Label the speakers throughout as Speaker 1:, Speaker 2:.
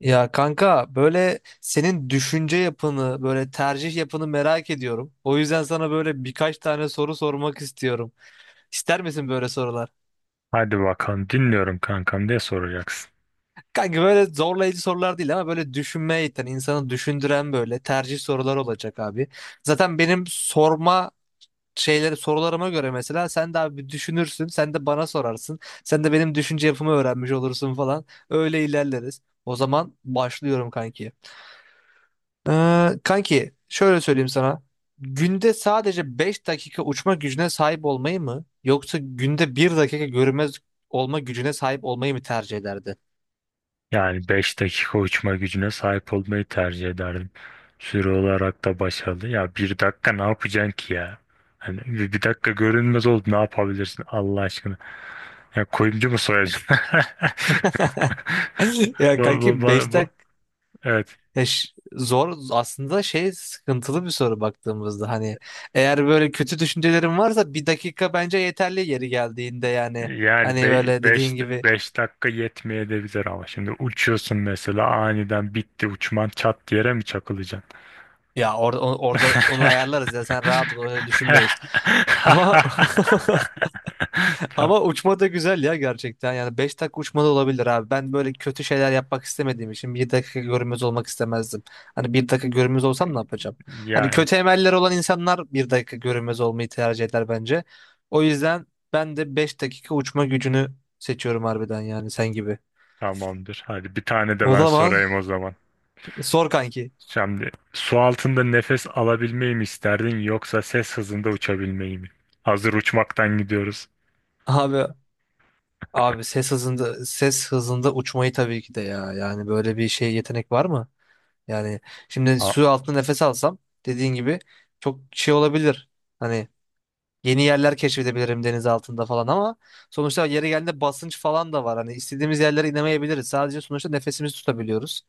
Speaker 1: Ya kanka böyle senin düşünce yapını, böyle tercih yapını merak ediyorum. O yüzden sana böyle birkaç tane soru sormak istiyorum. İster misin böyle sorular?
Speaker 2: Hadi bakalım dinliyorum kankam diye soracaksın.
Speaker 1: Kanka böyle zorlayıcı sorular değil ama böyle düşünmeye iten, insanı düşündüren böyle tercih sorular olacak abi. Zaten benim sorma şeyleri sorularıma göre mesela sen de abi bir düşünürsün, sen de bana sorarsın. Sen de benim düşünce yapımı öğrenmiş olursun falan. Öyle ilerleriz. O zaman başlıyorum kanki. Kanki şöyle söyleyeyim sana. Günde sadece 5 dakika uçma gücüne sahip olmayı mı yoksa günde bir dakika görünmez olma gücüne sahip olmayı mı tercih ederdi?
Speaker 2: Yani 5 dakika uçma gücüne sahip olmayı tercih ederdim. Süre olarak da başarılı. Ya bir dakika ne yapacaksın ki ya? Hani bir dakika görünmez oldu ne yapabilirsin Allah aşkına? Ya kuyumcu mu soyacaksın?
Speaker 1: Ya
Speaker 2: Bu, bu,
Speaker 1: kanki 5
Speaker 2: bu, bu-
Speaker 1: dakika
Speaker 2: evet.
Speaker 1: zor aslında şey, sıkıntılı bir soru baktığımızda. Hani eğer böyle kötü düşüncelerin varsa bir dakika bence yeterli yeri geldiğinde yani,
Speaker 2: Yani
Speaker 1: hani
Speaker 2: be
Speaker 1: böyle
Speaker 2: 5
Speaker 1: dediğin gibi,
Speaker 2: 5 dakika yetmeyebilir ama şimdi uçuyorsun mesela aniden bitti uçman çat yere mi çakılacaksın?
Speaker 1: ya orada orada onu ayarlarız ya, sen rahat ol, öyle düşünmeyiz. Ama
Speaker 2: Tam-
Speaker 1: ama uçma da güzel ya gerçekten. Yani 5 dakika uçma da olabilir abi. Ben böyle kötü şeyler yapmak istemediğim için bir dakika görünmez olmak istemezdim. Hani bir dakika görünmez olsam ne yapacağım? Hani
Speaker 2: Yani
Speaker 1: kötü emeller olan insanlar bir dakika görünmez olmayı tercih eder bence. O yüzden ben de 5 dakika uçma gücünü seçiyorum harbiden yani sen gibi.
Speaker 2: tamamdır. Hadi bir tane de
Speaker 1: O
Speaker 2: ben
Speaker 1: zaman
Speaker 2: sorayım o zaman.
Speaker 1: sor kanki.
Speaker 2: Şimdi su altında nefes alabilmeyi mi isterdin yoksa ses hızında uçabilmeyi mi? Hazır uçmaktan gidiyoruz.
Speaker 1: Abi abi, ses hızında uçmayı tabii ki de ya. Yani böyle bir şey, yetenek var mı? Yani şimdi su
Speaker 2: Ha-
Speaker 1: altında nefes alsam, dediğin gibi, çok şey olabilir. Hani yeni yerler keşfedebilirim deniz altında falan, ama sonuçta yeri geldiğinde basınç falan da var. Hani istediğimiz yerlere inemeyebiliriz. Sadece sonuçta nefesimizi tutabiliyoruz.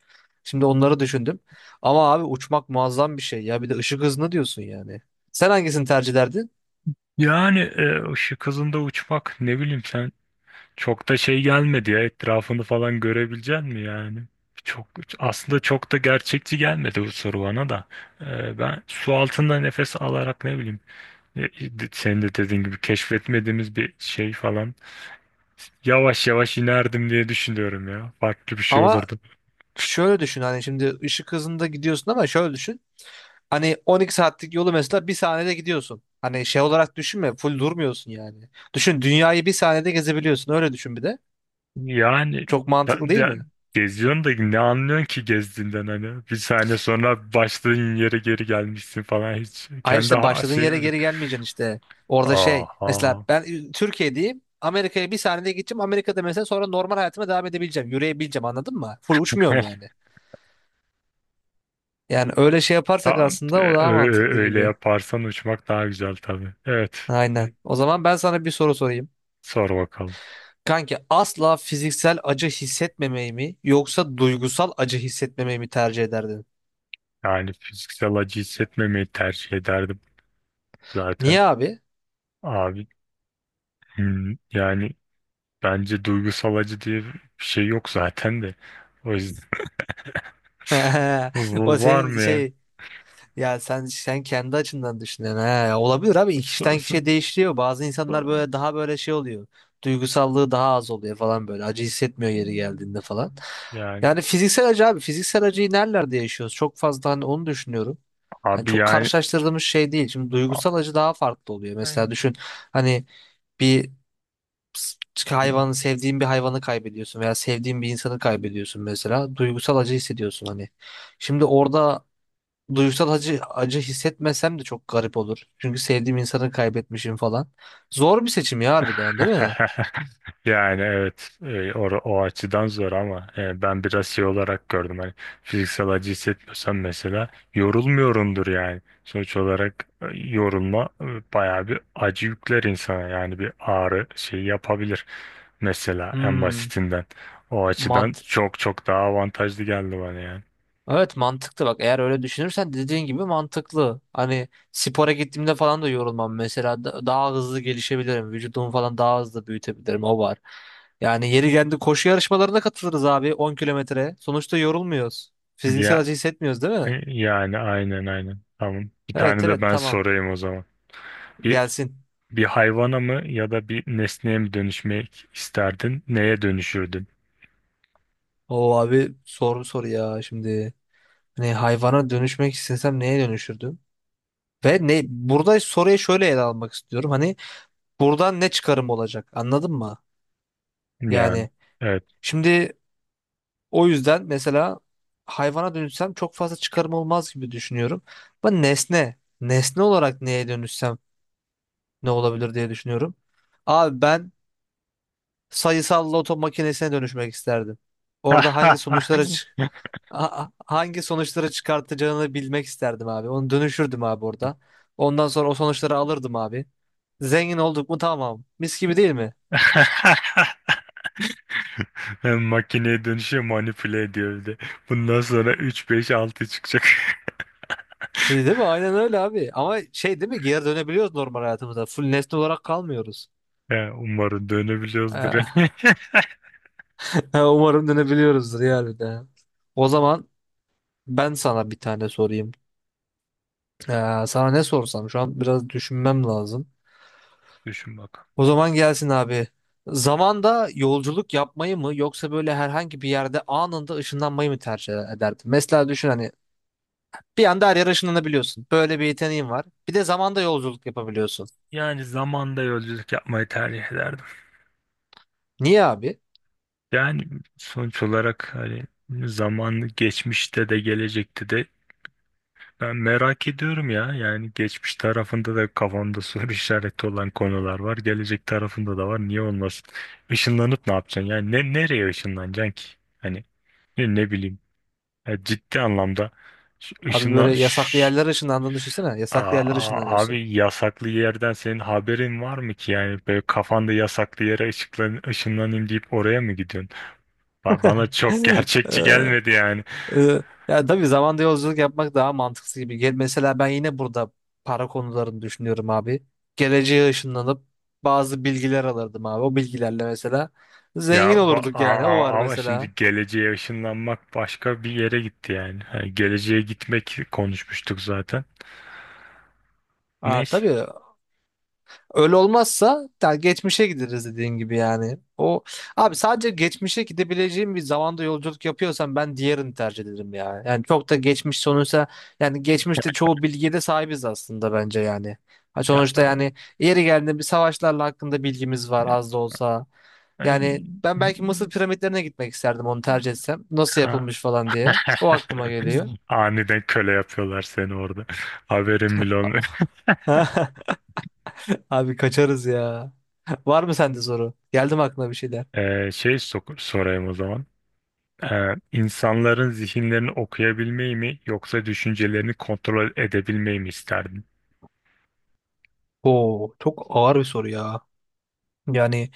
Speaker 1: Şimdi onları düşündüm. Ama abi uçmak muazzam bir şey ya. Bir de ışık hızını diyorsun yani. Sen hangisini tercih ederdin?
Speaker 2: Yani ışık hızında uçmak ne bileyim sen. Çok da şey gelmedi ya etrafını falan görebilecek mi yani? Çok aslında çok da gerçekçi gelmedi bu soru bana da. Ben su altında nefes alarak ne bileyim e, e, senin de dediğin gibi keşfetmediğimiz bir şey falan yavaş yavaş inerdim diye düşünüyorum ya. Farklı bir şey
Speaker 1: Ama
Speaker 2: olurdu.
Speaker 1: şöyle düşün, hani şimdi ışık hızında gidiyorsun, ama şöyle düşün. Hani 12 saatlik yolu mesela bir saniyede gidiyorsun. Hani şey olarak düşünme, full durmuyorsun yani. Düşün, dünyayı bir saniyede gezebiliyorsun. Öyle düşün bir de.
Speaker 2: Yani
Speaker 1: Çok mantıklı
Speaker 2: ben
Speaker 1: değil
Speaker 2: de-
Speaker 1: mi?
Speaker 2: geziyorsun da ne anlıyorsun ki gezdiğinden hani bir saniye sonra başladığın yere geri gelmişsin falan hiç
Speaker 1: Hayır,
Speaker 2: kendi
Speaker 1: işte başladığın
Speaker 2: şeyim
Speaker 1: yere
Speaker 2: bile.
Speaker 1: geri gelmeyeceksin işte. Orada şey, mesela
Speaker 2: Aha.
Speaker 1: ben Türkiye'deyim. Amerika'ya bir saniyede gideceğim. Amerika'da mesela sonra normal hayatıma devam edebileceğim. Yürüyebileceğim, anladın mı? Full uçmuyorum yani. Yani öyle şey yaparsak,
Speaker 2: Ya,
Speaker 1: aslında o daha mantıklı
Speaker 2: öyle
Speaker 1: gibi.
Speaker 2: yaparsan uçmak daha güzel tabii. Evet.
Speaker 1: Aynen.
Speaker 2: E,
Speaker 1: O zaman ben sana bir soru sorayım.
Speaker 2: Sor bakalım.
Speaker 1: Kanki asla fiziksel acı hissetmemeyi mi yoksa duygusal acı hissetmemeyi mi tercih ederdin?
Speaker 2: Yani fiziksel acı hissetmemeyi tercih ederdim zaten.
Speaker 1: Niye abi?
Speaker 2: Abi yani bence duygusal acı diye bir şey yok zaten de. O yüzden.
Speaker 1: O
Speaker 2: Var
Speaker 1: senin
Speaker 2: mı ya?
Speaker 1: şey, ya sen kendi açından düşünüyorsun. He, olabilir abi,
Speaker 2: So-
Speaker 1: kişiden
Speaker 2: so-
Speaker 1: kişiye değişiyor. Bazı insanlar
Speaker 2: so-
Speaker 1: böyle daha böyle şey oluyor. Duygusallığı daha az oluyor falan böyle. Acı hissetmiyor yeri geldiğinde falan.
Speaker 2: Yani
Speaker 1: Yani fiziksel acı abi, fiziksel acıyı nerelerde yaşıyoruz? Çok fazla hani onu düşünüyorum. Yani
Speaker 2: abi
Speaker 1: çok
Speaker 2: yani.
Speaker 1: karşılaştırdığımız şey değil. Şimdi duygusal acı daha farklı oluyor. Mesela düşün, hani bir hayvanı,
Speaker 2: A-
Speaker 1: sevdiğin bir hayvanı kaybediyorsun veya sevdiğin bir insanı kaybediyorsun mesela. Duygusal acı hissediyorsun hani. Şimdi orada duygusal acı hissetmesem de çok garip olur. Çünkü sevdiğim insanı kaybetmişim falan. Zor bir seçim ya harbiden, değil mi?
Speaker 2: Yani evet o açıdan zor ama ben biraz şey olarak gördüm hani fiziksel acı hissetmiyorsam mesela yorulmuyorumdur yani sonuç olarak yorulma bayağı bir acı yükler insana yani bir ağrı şey yapabilir mesela en
Speaker 1: Hmm,
Speaker 2: basitinden o açıdan
Speaker 1: mant
Speaker 2: çok çok daha avantajlı geldi bana yani
Speaker 1: Evet, mantıklı bak, eğer öyle düşünürsen dediğin gibi mantıklı. Hani spora gittiğimde falan da yorulmam mesela. Daha hızlı gelişebilirim. Vücudumu falan daha hızlı büyütebilirim, o var. Yani yeri geldi koşu yarışmalarına katılırız abi, 10 kilometre. Sonuçta yorulmuyoruz. Fiziksel
Speaker 2: ya
Speaker 1: acı hissetmiyoruz, değil mi?
Speaker 2: yani aynen aynen tamam bir
Speaker 1: Evet,
Speaker 2: tane de
Speaker 1: evet,
Speaker 2: ben
Speaker 1: tamam,
Speaker 2: sorayım o zaman. Bir
Speaker 1: gelsin.
Speaker 2: Bir hayvana mı ya da bir nesneye mi dönüşmek isterdin? Neye dönüşürdün?
Speaker 1: O abi soru soru ya şimdi. Hani hayvana dönüşmek istesem neye dönüşürdüm? Ve ne, burada soruyu şöyle ele almak istiyorum. Hani buradan ne çıkarım olacak, anladın mı?
Speaker 2: Yani
Speaker 1: Yani,
Speaker 2: evet.
Speaker 1: şimdi o yüzden mesela hayvana dönüşsem çok fazla çıkarım olmaz gibi düşünüyorum. Ben nesne olarak neye dönüşsem ne olabilir diye düşünüyorum. Abi ben sayısal loto makinesine dönüşmek isterdim. Orada hangi sonuçları çıkartacağını bilmek isterdim abi. Onu dönüşürdüm abi orada. Ondan sonra o sonuçları alırdım abi. Zengin olduk mu, tamam. Mis gibi, değil mi?
Speaker 2: Makineye dönüşüyor manipüle ediyor bir de. Bundan sonra 3 5 6 çıkacak.
Speaker 1: Değil mi? Aynen öyle abi. Ama şey, değil mi? Geri dönebiliyoruz normal hayatımıza. Full nesne olarak kalmıyoruz.
Speaker 2: Ya, umarım dönebiliyoruzdur.
Speaker 1: Ee, Umarım dönebiliyoruzdur ya bir de. O zaman ben sana bir tane sorayım. Sana ne sorsam şu an biraz düşünmem lazım.
Speaker 2: Düşün bakalım.
Speaker 1: O zaman gelsin abi. Zamanda yolculuk yapmayı mı yoksa böyle herhangi bir yerde anında ışınlanmayı mı tercih ederdin? Mesela düşün, hani bir anda her yere ışınlanabiliyorsun. Böyle bir yeteneğin var. Bir de zamanda yolculuk yapabiliyorsun.
Speaker 2: Yani zamanda yolculuk yapmayı tercih ederdim.
Speaker 1: Niye abi?
Speaker 2: Yani sonuç olarak hani zamanı geçmişte de gelecekte de. Ben merak ediyorum ya. Yani geçmiş tarafında da kafamda soru işareti olan konular var. Gelecek tarafında da var. Niye olmasın? Işınlanıp ne yapacaksın? Yani nereye ışınlanacaksın ki? Hani ne bileyim. Ya ciddi anlamda
Speaker 1: Abi
Speaker 2: ışınla...
Speaker 1: böyle yasaklı yerlere ışınlandığını düşünsene.
Speaker 2: Aa,
Speaker 1: Yasaklı yerlere
Speaker 2: aa,
Speaker 1: ışınlanıyorsun.
Speaker 2: abi yasaklı yerden senin haberin var mı ki? Yani böyle kafanda yasaklı yere ışınlanayım deyip oraya mı gidiyorsun? Bana çok gerçekçi
Speaker 1: Ee,
Speaker 2: gelmedi yani.
Speaker 1: Ee, ya tabii, zamanda yolculuk yapmak daha mantıklı gibi. Mesela ben yine burada para konularını düşünüyorum abi. Geleceğe ışınlanıp bazı bilgiler alırdım abi. O bilgilerle mesela zengin
Speaker 2: Ya
Speaker 1: olurduk yani. O var
Speaker 2: ama
Speaker 1: mesela.
Speaker 2: şimdi geleceğe ışınlanmak başka bir yere gitti yani. Hani geleceğe gitmek konuşmuştuk zaten.
Speaker 1: Aa,
Speaker 2: Neyse.
Speaker 1: tabii. Öyle olmazsa yani geçmişe gideriz dediğin gibi yani. O abi, sadece geçmişe gidebileceğim bir zamanda yolculuk yapıyorsam ben diğerini tercih ederim ya. Yani çok da geçmiş sonuçta, yani geçmişte çoğu bilgiye de sahibiz aslında bence yani. Ha
Speaker 2: Ya,
Speaker 1: sonuçta yani, yeri geldiğinde bir savaşlarla hakkında bilgimiz var
Speaker 2: e,
Speaker 1: az da olsa. Yani
Speaker 2: ay,
Speaker 1: ben belki Mısır piramitlerine gitmek isterdim, onu tercih etsem. Nasıl
Speaker 2: ha.
Speaker 1: yapılmış falan diye. O aklıma geliyor.
Speaker 2: Aniden köle yapıyorlar seni orada. Haberin bile olmuyor.
Speaker 1: Abi kaçarız ya. Var mı sende soru? Geldi mi aklına bir şeyler?
Speaker 2: Şey sorayım o zaman. İnsanların zihinlerini okuyabilmeyi mi yoksa düşüncelerini kontrol edebilmeyi mi isterdin?
Speaker 1: Oo, çok ağır bir soru ya. Yani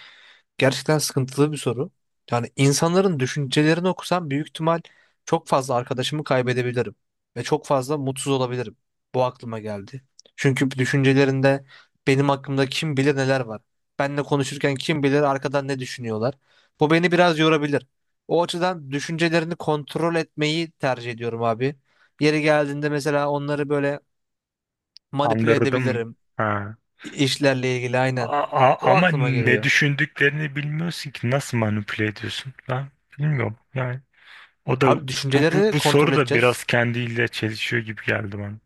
Speaker 1: gerçekten sıkıntılı bir soru. Yani insanların düşüncelerini okusam, büyük ihtimal çok fazla arkadaşımı kaybedebilirim ve çok fazla mutsuz olabilirim. Bu aklıma geldi. Çünkü düşüncelerinde benim hakkımda kim bilir neler var. Benle konuşurken kim bilir arkadan ne düşünüyorlar. Bu beni biraz yorabilir. O açıdan düşüncelerini kontrol etmeyi tercih ediyorum abi. Yeri geldiğinde mesela onları böyle manipüle
Speaker 2: Andırdım.
Speaker 1: edebilirim.
Speaker 2: Ha.
Speaker 1: İşlerle ilgili, aynen.
Speaker 2: A-
Speaker 1: O
Speaker 2: a- ama
Speaker 1: aklıma
Speaker 2: ne
Speaker 1: geliyor.
Speaker 2: düşündüklerini bilmiyorsun ki nasıl manipüle ediyorsun? Ben bilmiyorum. Yani o da bu,
Speaker 1: Abi
Speaker 2: bu,
Speaker 1: düşünceleri
Speaker 2: bu
Speaker 1: kontrol
Speaker 2: soru da biraz
Speaker 1: edeceğiz.
Speaker 2: kendiyle çelişiyor gibi geldi bana.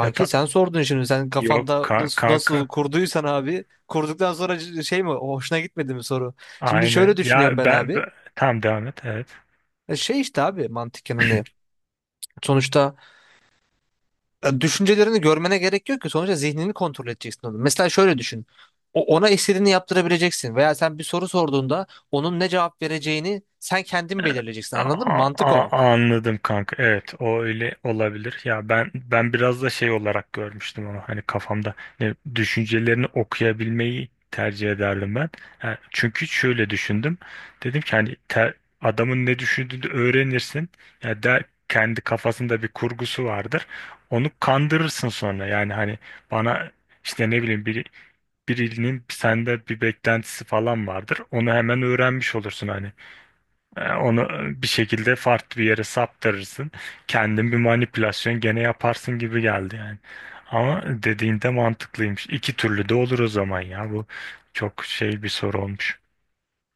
Speaker 2: Ya
Speaker 1: sen sordun şimdi. Sen
Speaker 2: yok
Speaker 1: kafanda nasıl,
Speaker 2: kanka.
Speaker 1: nasıl kurduysan abi. Kurduktan sonra şey mi? Hoşuna gitmedi mi soru? Şimdi şöyle
Speaker 2: Aynen.
Speaker 1: düşünüyorum
Speaker 2: Ya
Speaker 1: ben abi.
Speaker 2: tamam devam et. Evet.
Speaker 1: Şey işte abi, mantıken hani. Sonuçta düşüncelerini görmene gerek yok ki. Sonuçta zihnini kontrol edeceksin onu. Mesela şöyle düşün. Ona istediğini yaptırabileceksin. Veya sen bir soru sorduğunda onun ne cevap vereceğini sen kendin belirleyeceksin. Anladın mı?
Speaker 2: A-
Speaker 1: Mantık
Speaker 2: a-
Speaker 1: o.
Speaker 2: anladım kanka. Evet, o öyle olabilir. Ya ben biraz da şey olarak görmüştüm onu. Hani kafamda düşüncelerini okuyabilmeyi tercih ederdim ben. Ha, çünkü şöyle düşündüm. Dedim ki hani adamın ne düşündüğünü öğrenirsin. Ya der kendi kafasında bir kurgusu vardır. Onu kandırırsın sonra. Yani hani bana işte ne bileyim birinin sende bir beklentisi falan vardır. Onu hemen öğrenmiş olursun hani. Onu bir şekilde farklı bir yere saptırırsın. Kendin bir manipülasyon gene yaparsın gibi geldi yani. Ama dediğinde mantıklıymış. İki türlü de olur o zaman ya. Bu çok şey bir soru olmuş.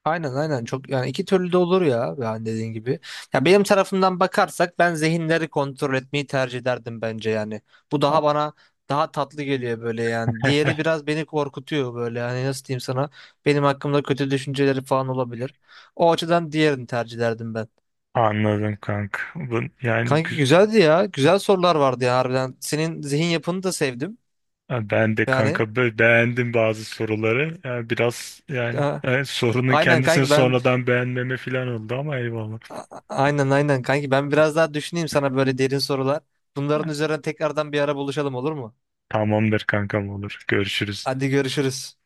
Speaker 1: Aynen, aynen, çok yani, iki türlü de olur ya yani, dediğin gibi. Ya benim tarafımdan bakarsak ben zihinleri kontrol etmeyi tercih ederdim bence yani. Bu
Speaker 2: A-
Speaker 1: daha bana daha tatlı geliyor böyle yani. Diğeri biraz beni korkutuyor böyle yani, nasıl diyeyim sana, benim hakkımda kötü düşünceleri falan olabilir. O açıdan diğerini tercih ederdim ben.
Speaker 2: Anladım kanka. Bu, yani
Speaker 1: Kanki
Speaker 2: gü-
Speaker 1: güzeldi ya. Güzel sorular vardı ya harbiden. Senin zihin yapını da sevdim.
Speaker 2: ben de
Speaker 1: Yani
Speaker 2: kanka beğendim bazı soruları. Yani biraz yani
Speaker 1: e,
Speaker 2: sorunun
Speaker 1: aynen
Speaker 2: kendisini
Speaker 1: kanki ben
Speaker 2: sonradan beğenmeme falan oldu ama eyvallah.
Speaker 1: Aynen, aynen kanki, ben biraz daha düşüneyim sana böyle derin sorular. Bunların üzerine tekrardan bir ara buluşalım, olur mu?
Speaker 2: Tamamdır kankam olur. Görüşürüz.
Speaker 1: Hadi görüşürüz.